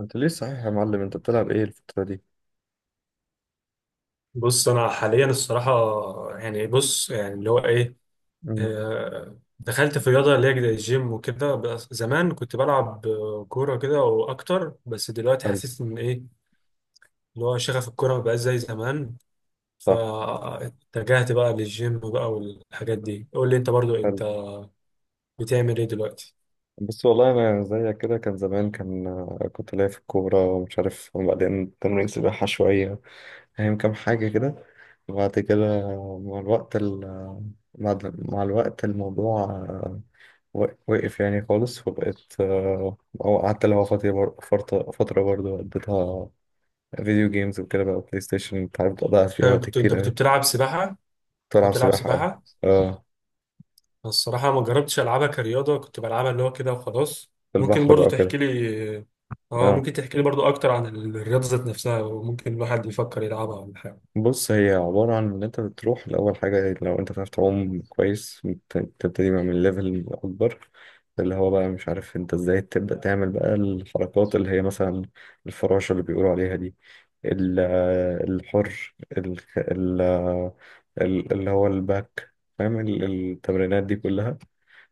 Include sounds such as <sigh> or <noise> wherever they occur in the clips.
انت ليه صحيح يا معلم، انت بتلعب ايه الفترة دي؟ بص انا حاليا الصراحه يعني بص يعني اللي هو ايه امم آه، دخلت في رياضه اللي هي زي الجيم وكده. بس زمان كنت بلعب كوره كده واكتر، بس دلوقتي حلو. حسيت ان ايه اللي هو شغف الكوره مبقاش زي زمان، صح. فاتجهت بقى للجيم بقى والحاجات دي. قول لي انت برضو، حلو. بتعمل ايه دلوقتي؟ بس والله انا زيك كده، كان زمان كان كنت ليا في الكورة ومش عارف، وبعدين تمرين سباحة شوية، فاهم، كام حاجة كده. وبعد كده مع الوقت مع الوقت الموضوع وقف يعني خالص. وبقيت او قعدت اللي هو فترة فترة برضه قضيتها فيديو جيمز وكده، بقى بلاي ستيشن انت عارف، ضيعت فيها وقت كنت انت كتير كنت أوي. بتلعب سباحه؟ كنت كنت بلعب بتلعب سباحة أوي. سباحه؟ اه. الصراحة ما جربتش ألعبها كرياضة، كنت بلعبها اللي هو كده وخلاص. في ممكن البحر برضو بقى تحكي وكده. لي، اه اه. ممكن تحكي لي برضو أكتر عن الرياضة ذات نفسها، وممكن الواحد يفكر يلعبها ولا حاجة؟ بص هي عبارة عن إن أنت بتروح لأول حاجة، لو أنت بتعرف تعوم كويس بتبتدي بقى من ليفل أكبر، اللي هو بقى مش عارف أنت إزاي تبدأ تعمل بقى الحركات اللي هي مثلا الفراشة اللي بيقولوا عليها دي، ال- الحر اللي هو الباك، فاهم، التمرينات دي كلها،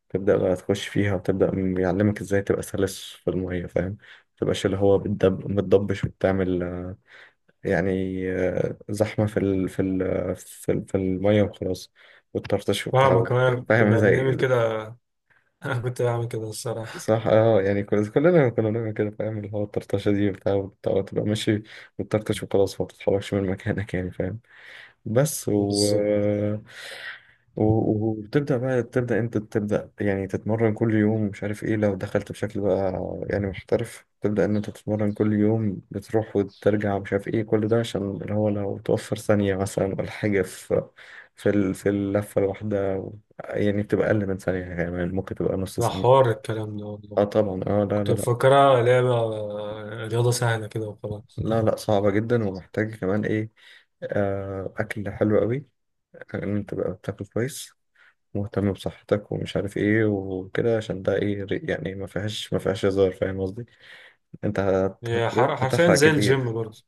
تبدأ بقى تخش فيها وتبدأ يعلمك إزاي تبقى سلس في المية، فاهم، متبقاش اللي هو بتدب متضبش وبتعمل يعني زحمة في المية وخلاص، والطرطش وبتاع فاهمة، وزي كده. كمان فاهم كنا زي. بنعمل كده. <laughs> أنا كنت بعمل كده الصراحة. صح اه، يعني كلنا كنا بنعمل كده، فاهم، اللي هو الطرطشة دي وبتاع وتبقى ماشي وتطرطش وخلاص، ما بتتحركش من مكانك يعني، فاهم. بس و... بالظبط. و... وبتبدأ بقى، تبدأ انت يعني تتمرن كل يوم، مش عارف ايه، لو دخلت بشكل بقى يعني محترف، تبدأ ان انت تتمرن كل يوم، بتروح وترجع مش عارف ايه، كل ده عشان اللي هو لو توفر ثانية مثلا ولا حاجة في اللفة الواحدة، يعني بتبقى أقل من ثانية، كمان ممكن تبقى نص ده ثانية. حوار الكلام ده والله. اه طبعا، اه، لا كنت لا لا. مفكرها لعبة، رياضة سهلة كده وخلاص. لا لا، صعبة جدا ومحتاج كمان ايه، أكل حلو قوي، إن أنت تبقى بتاكل كويس، مهتم بصحتك ومش عارف ايه وكده، عشان ده ايه يعني، ما فيهاش ما فيهاش هزار، فاهم قصدي، انت هتروح حرفيا هتحرق زي الجيم كتير. برضو.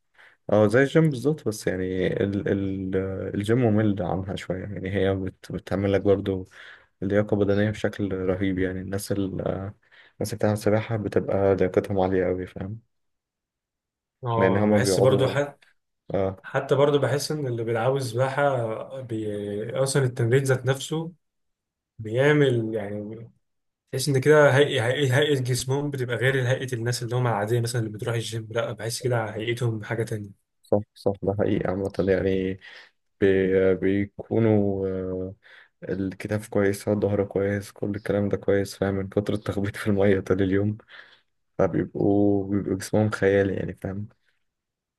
اه زي الجيم بالظبط، بس يعني ال الجيم ممل عنها شوية، يعني هي بتعمل لك برضو لياقة بدنية بشكل رهيب. يعني الناس الناس اللي بتعمل سباحة بتبقى لياقتهم عالية أوي، فاهم، لأن اه انا هما بحس برضو بيقعدوا. حتى، اه، حتى برضو بحس ان اللي بيلعبوا سباحة اصلا التمرين ذات نفسه بيعمل، يعني تحس ان كده هيئة جسمهم بتبقى غير هيئة الناس اللي هم العادية، مثلا اللي بتروح الجيم، لا بحس كده على هيئتهم حاجة تانية. صح صح، ده حقيقي عامة يعني، بيكونوا الكتاف كويس، الظهر كويس، كل الكلام ده كويس، فاهم، من كتر التخبيط في المية طول اليوم، بيبقوا جسمهم خيالي يعني، فاهم.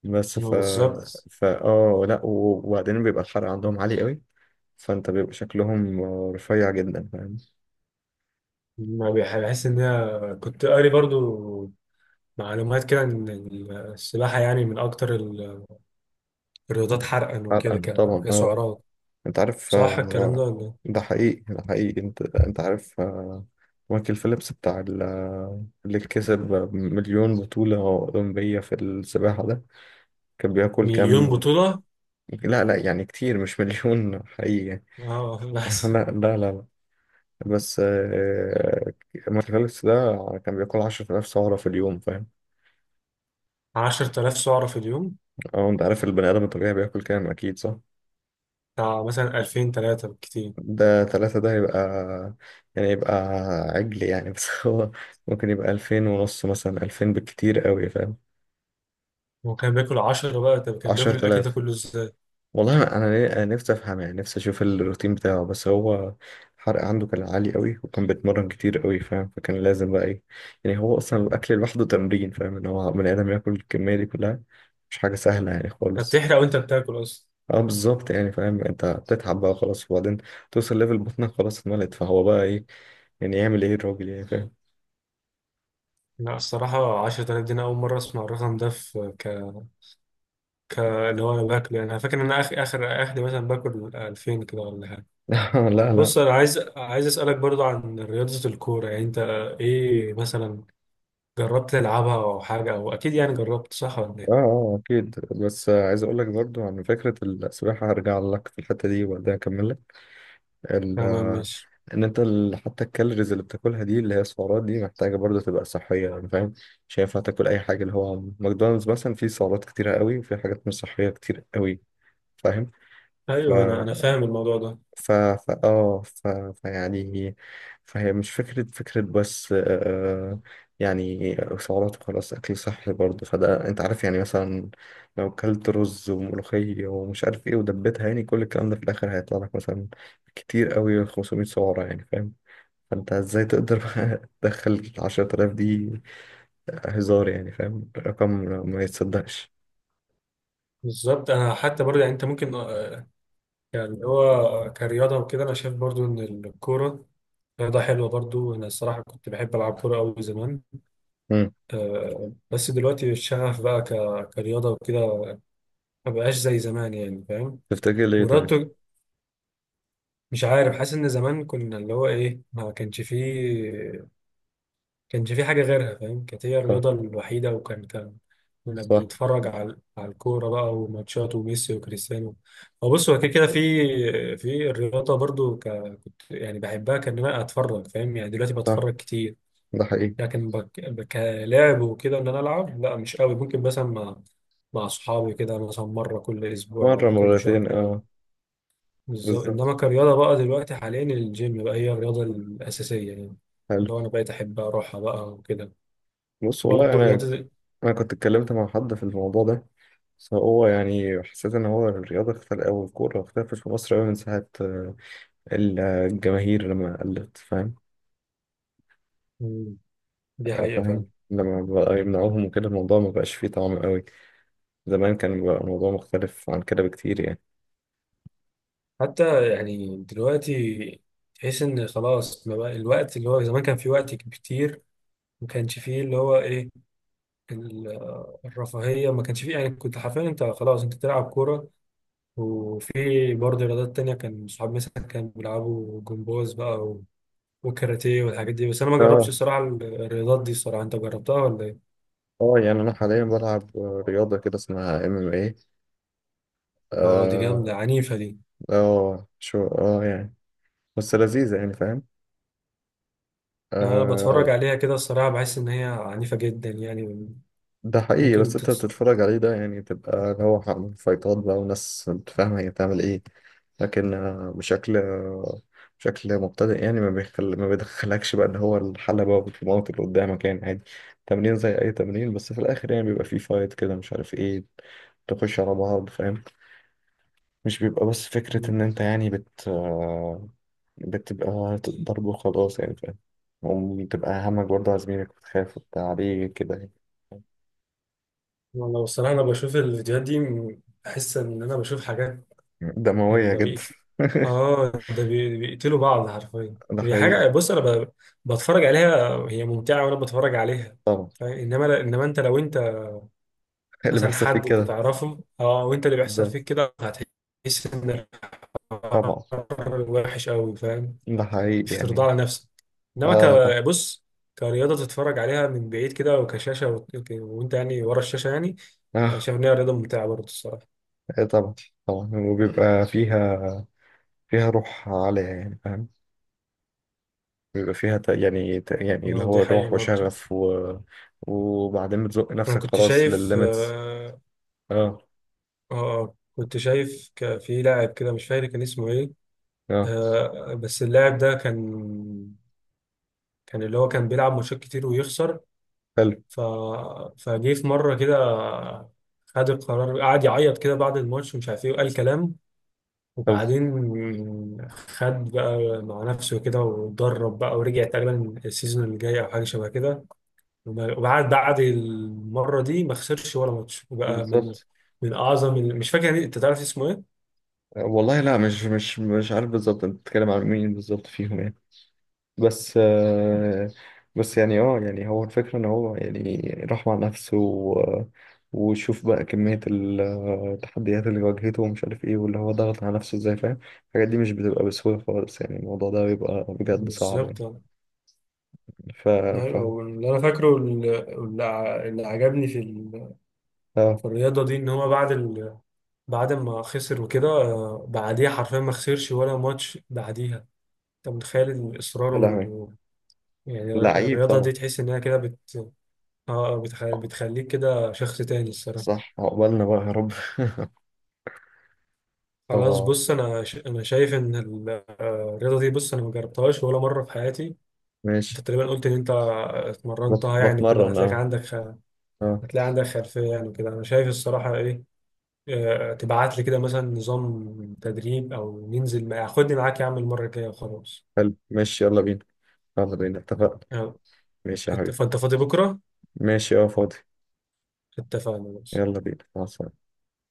بس ف ما بالظبط. فا اه لا، وبعدين بيبقى الحرق عندهم عالي قوي، فانت بيبقى شكلهم رفيع جدا، فاهم. ما بح- بحس ان هي كنت قاري برضو معلومات كده، ان السباحة يعني من اكتر الرياضات حرقا وكده حرقا طبعا اه. كسعرات. انت عارف صح الكلام ده ولا إيه؟ ده حقيقي، ده حقيقي، انت عارف مايكل فيليبس بتاع اللي كسب مليون بطولة أولمبية في السباحة ده، كان بياكل مليون كام. بطولة؟ لا لا، يعني كتير مش مليون حقيقي يعني. اه <laughs> <laughs> بس. لا لا لا لا. بس مارتينيليس ده كان بياكل 10,000 سعرة في اليوم، فاهم. 10,000 سعرة في اليوم؟ اه انت عارف البني آدم الطبيعي بياكل كام، أكيد صح. بتاع مثلا 2000 3 بالكتير. ده تلاتة ده يبقى يعني يبقى عجل يعني. <laughs> بس هو ممكن يبقى 2,500 مثلا، 2,000 بالكتير قوي، فاهم. هو كان بياكل 10 بقى؟ طب كان بياكل عشرة الاكل ده آلاف كله ازاي؟ والله انا، أنا نفسي افهم يعني، نفسي اشوف الروتين بتاعه، بس هو الحرق عنده كان عالي قوي، وكان بيتمرن كتير قوي، فاهم، فكان لازم بقى ايه. يعني هو اصلا الاكل لوحده تمرين، فاهم، ان هو بني ادم ياكل الكميه دي كلها، مش حاجه سهله يعني انت خالص. بتحرق وانت بتاكل اصلا. اه بالظبط يعني، فاهم، انت بتتعب بقى خلاص، وبعدين توصل ليفل بطنك خلاص اتملت، فهو بقى ايه يعني، يعمل ايه الراجل يعني، فاهم. لا الصراحة 10,000 دي أنا أول مرة أسمع الرقم ده في اللي هو أنا باكله. يعني أنا فاكر إن أنا آخر مثلا باكل 2000 كده ولا حاجة. <laughs> لا لا. بص أنا عايز أسألك برضو عن رياضة الكورة، يعني إيه مثلا، جربت تلعبها أو حاجة؟ أو أكيد يعني جربت، صح ولا اه إيه؟ اه اكيد، بس عايز اقول لك برضو عن فكره السباحه، هرجع لك في الحته دي وبعدين اكمل. ال تمام ماشي. ان انت حتى الكالوريز اللي بتاكلها دي، اللي هي السعرات دي، محتاجه برضه تبقى صحيه يعني، فاهم. مش هينفع تاكل اي حاجه، اللي هو ماكدونالدز مثلا فيه سعرات كتيره قوي، وفيه حاجات مش صحيه كتير قوي، أيوه أنا فاهم. أنا فاهم الموضوع ده. ف ف اه ف... فيعني، فهي مش فكرة بس آه، يعني سعرات وخلاص، أكل صحي برضه، فده أنت عارف يعني مثلا لو كلت رز وملوخية ومش عارف إيه ودبيتها، يعني كل الكلام ده في الآخر هيطلع لك مثلا كتير قوي 500 سعرة، يعني فاهم. فأنت إزاي تقدر بقى <laughs> تدخل 10,000 دي، هزار يعني، فاهم، رقم ما يتصدقش. بالظبط. أنا حتى برضو يعني، أنت ممكن آه، يعني هو كرياضة وكده أنا شايف برضو إن الكورة رياضة حلوة برضو. أنا الصراحة كنت بحب ألعب كورة أوي زمان. مم. بس دلوقتي الشغف بقى كرياضة وكده ما بقاش زي زمان، يعني فاهم. تفتكر ليه طيب؟ ورياضته، مش عارف، حاسس ان زمان كنا اللي هو ايه ما كانش فيه، كانش فيه حاجة غيرها فاهم، كانت هي صح. الرياضة الوحيدة، وكان كنا صح. بنتفرج على على الكورة بقى وماتشات وميسي وكريستيانو. هو بص هو كده كده في، في الرياضة برضو ك، يعني بحبها، كان انا اتفرج فاهم يعني، دلوقتي صح بتفرج كتير. ده حقيقي. لكن كلعب وكده ان انا العب، لا مش قوي، ممكن مثلا مع اصحابي كده مثلا مره كل اسبوع مرة ولا كل شهر مرتين كده. اه. بالظبط. انما بالظبط. كرياضه بقى دلوقتي حاليا الجيم بقى هي الرياضه الاساسيه يعني. حلو. اللي هو انا بقيت احب اروحها بقى وكده. بص والله برضه انا، الرياضه دي. انا كنت اتكلمت مع حد في الموضوع ده، بس هو يعني حسيت ان هو الرياضه اختل، او الكوره اختلفت في مصر قوي من ساعه الجماهير لما قلت، فاهم. مم، دي حقيقه فاهم. فعلا. لما بقى يمنعوهم وكده الموضوع ما بقاش فيه طعم قوي، زمان كان بقى الموضوع مختلف عن كده بكتير يعني. حتى يعني دلوقتي تحس ان خلاص ما بقى الوقت، اللي هو زمان كان في وقت كتير، ما كانش فيه اللي هو ايه ال- الرفاهيه ما كانش فيه، يعني كنت حرفيا انت خلاص انت تلعب كوره. وفي برضه رياضات تانية، كان صحابي مثلا كانوا بيلعبوا جمباز بقى وكاراتيه والحاجات دي، بس أنا ما جربتش اه. الصراحة الرياضات دي الصراحة. أنت جربتها ولا إيه؟ اه يعني انا حاليا بلعب رياضه كده اسمها ام ام ايه. أه دي اه. جامدة، عنيفة دي. شو اه يعني، بس لذيذه يعني، أنا بتفرج فاهم. عليها كده الصراحة، بحس إن هي عنيفة جدا يعني. ده حقيقي، بس ممكن انت تتس... بتتفرج عليه ده يعني، تبقى اللي هو فايتات بقى وناس انت فاهمة هي بتعمل ايه، لكن بشكل بشكل مبتدئ يعني، ما بيدخلكش بقى اللي هو الحلبة والموت اللي قدامك يعني، عادي تمرين زي أي تمرين، بس في الآخر يعني بيبقى فيه فايت كده مش عارف ايه، تخش على بعض فاهم. مش بيبقى بس فكرة إن أنت يعني بت آه، بتبقى ضرب وخلاص يعني، فاهم، وبتبقى همك برضه على زميلك، وتخاف وبتاع عليه كده يعني. والله الصراحة أنا بشوف الفيديوهات دي، بحس إن أنا بشوف حاجات يعني، دموية ده جدا. بقيت، آه ده بيقتلوا بعض حرفيا. <laughs> ده هي حقيقي. حاجة، بص أنا بتفرج عليها، هي ممتعة وأنا بتفرج عليها طبعا. فاهم؟ إنما انت لو انت إيه اللي مثلا بيحصل فيك حد انت كده. تعرفه، اه وانت اللي بيحصل بالظبط. فيك كده، هتحس ان الحوار طبعا وحش قوي فاهم. ده حقيقي مش هترضى يعني. على نفسك. اه طبعا بص، كرياضه تتفرج عليها من بعيد كده وكشاشه وانت يعني ورا الشاشه يعني، انا اه. شايف ان هي رياضه ممتعه برضه الصراحه. إيه طبعا. طبعا، وبيبقى فيها، فيها روح عالية يعني، فاهم. بيبقى فيها يعني اللي اه هو دي حقيقه روح برضه. وشغف وبعدين بتزق انا نفسك كنت خلاص شايف للليميتس. اه، اه. كنت شايف في لاعب كده، مش فاكر كان اسمه ايه. اه. آه بس اللاعب ده كان، كان اللي هو كان بيلعب ماتشات كتير ويخسر. حلو. ف... فجه في مرة كده، خد القرار، قعد يعيط كده بعد الماتش ومش عارف ايه، وقال كلام. حلو. وبعدين خد بقى مع نفسه كده واتدرب بقى ورجع تقريبا السيزون اللي جاي او حاجة شبه كده. وبعد المرة دي ما خسرش ولا ماتش، وبقى من بالظبط. من اعظم مش فاكر يعني، انت تعرف اسمه ايه؟ والله لا، مش مش مش عارف بالظبط انت بتتكلم عن مين بالظبط فيهم يعني. بس بس يعني اه، يعني هو الفكرة ان هو يعني راح مع نفسه وشوف بقى كمية التحديات اللي واجهته ومش عارف ايه، واللي هو ضغط على نفسه ازاي، فاهم. الحاجات دي مش بتبقى بسهولة خالص يعني، الموضوع ده بيبقى بجد صعب يعني. بالظبط أه. ف ف أيوة، هو اللي انا فاكره اللي عجبني في، اه فالرياضة دي، إن هو بعد ما خسر وكده بعديها حرفيا ما خسرش ولا ماتش بعديها. أنت متخيل الإصرار يا لهوي. وال، يعني لعيب الرياضة طبعا. دي تحس إنها كده بت، آه بتخليك كده شخص تاني الصراحة. صح عقبالنا بقى يا رب. <laughs> خلاص اه. بص أنا أنا شايف إن الرياضة دي، بص أنا ما جربتهاش ولا مرة في حياتي. أنت ماشي. تقريبا قلت إن أنت اتمرنتها يعني وكده، بتمرن هتلاقيك اه. عندك اه. هتلاقي عندك خلفية يعني وكده، أنا شايف الصراحة إيه، تبعت لي كده مثلا نظام تدريب، او ننزل خدني معاك يا عم المره الجايه وخلاص. حلو ماشي يلا بينا، يلا بينا اتفقنا. آه، ماشي يا حبيبي. فانت فاضي بكره؟ ماشي اه فاضي. اتفقنا. يلا بينا، مع السلامة.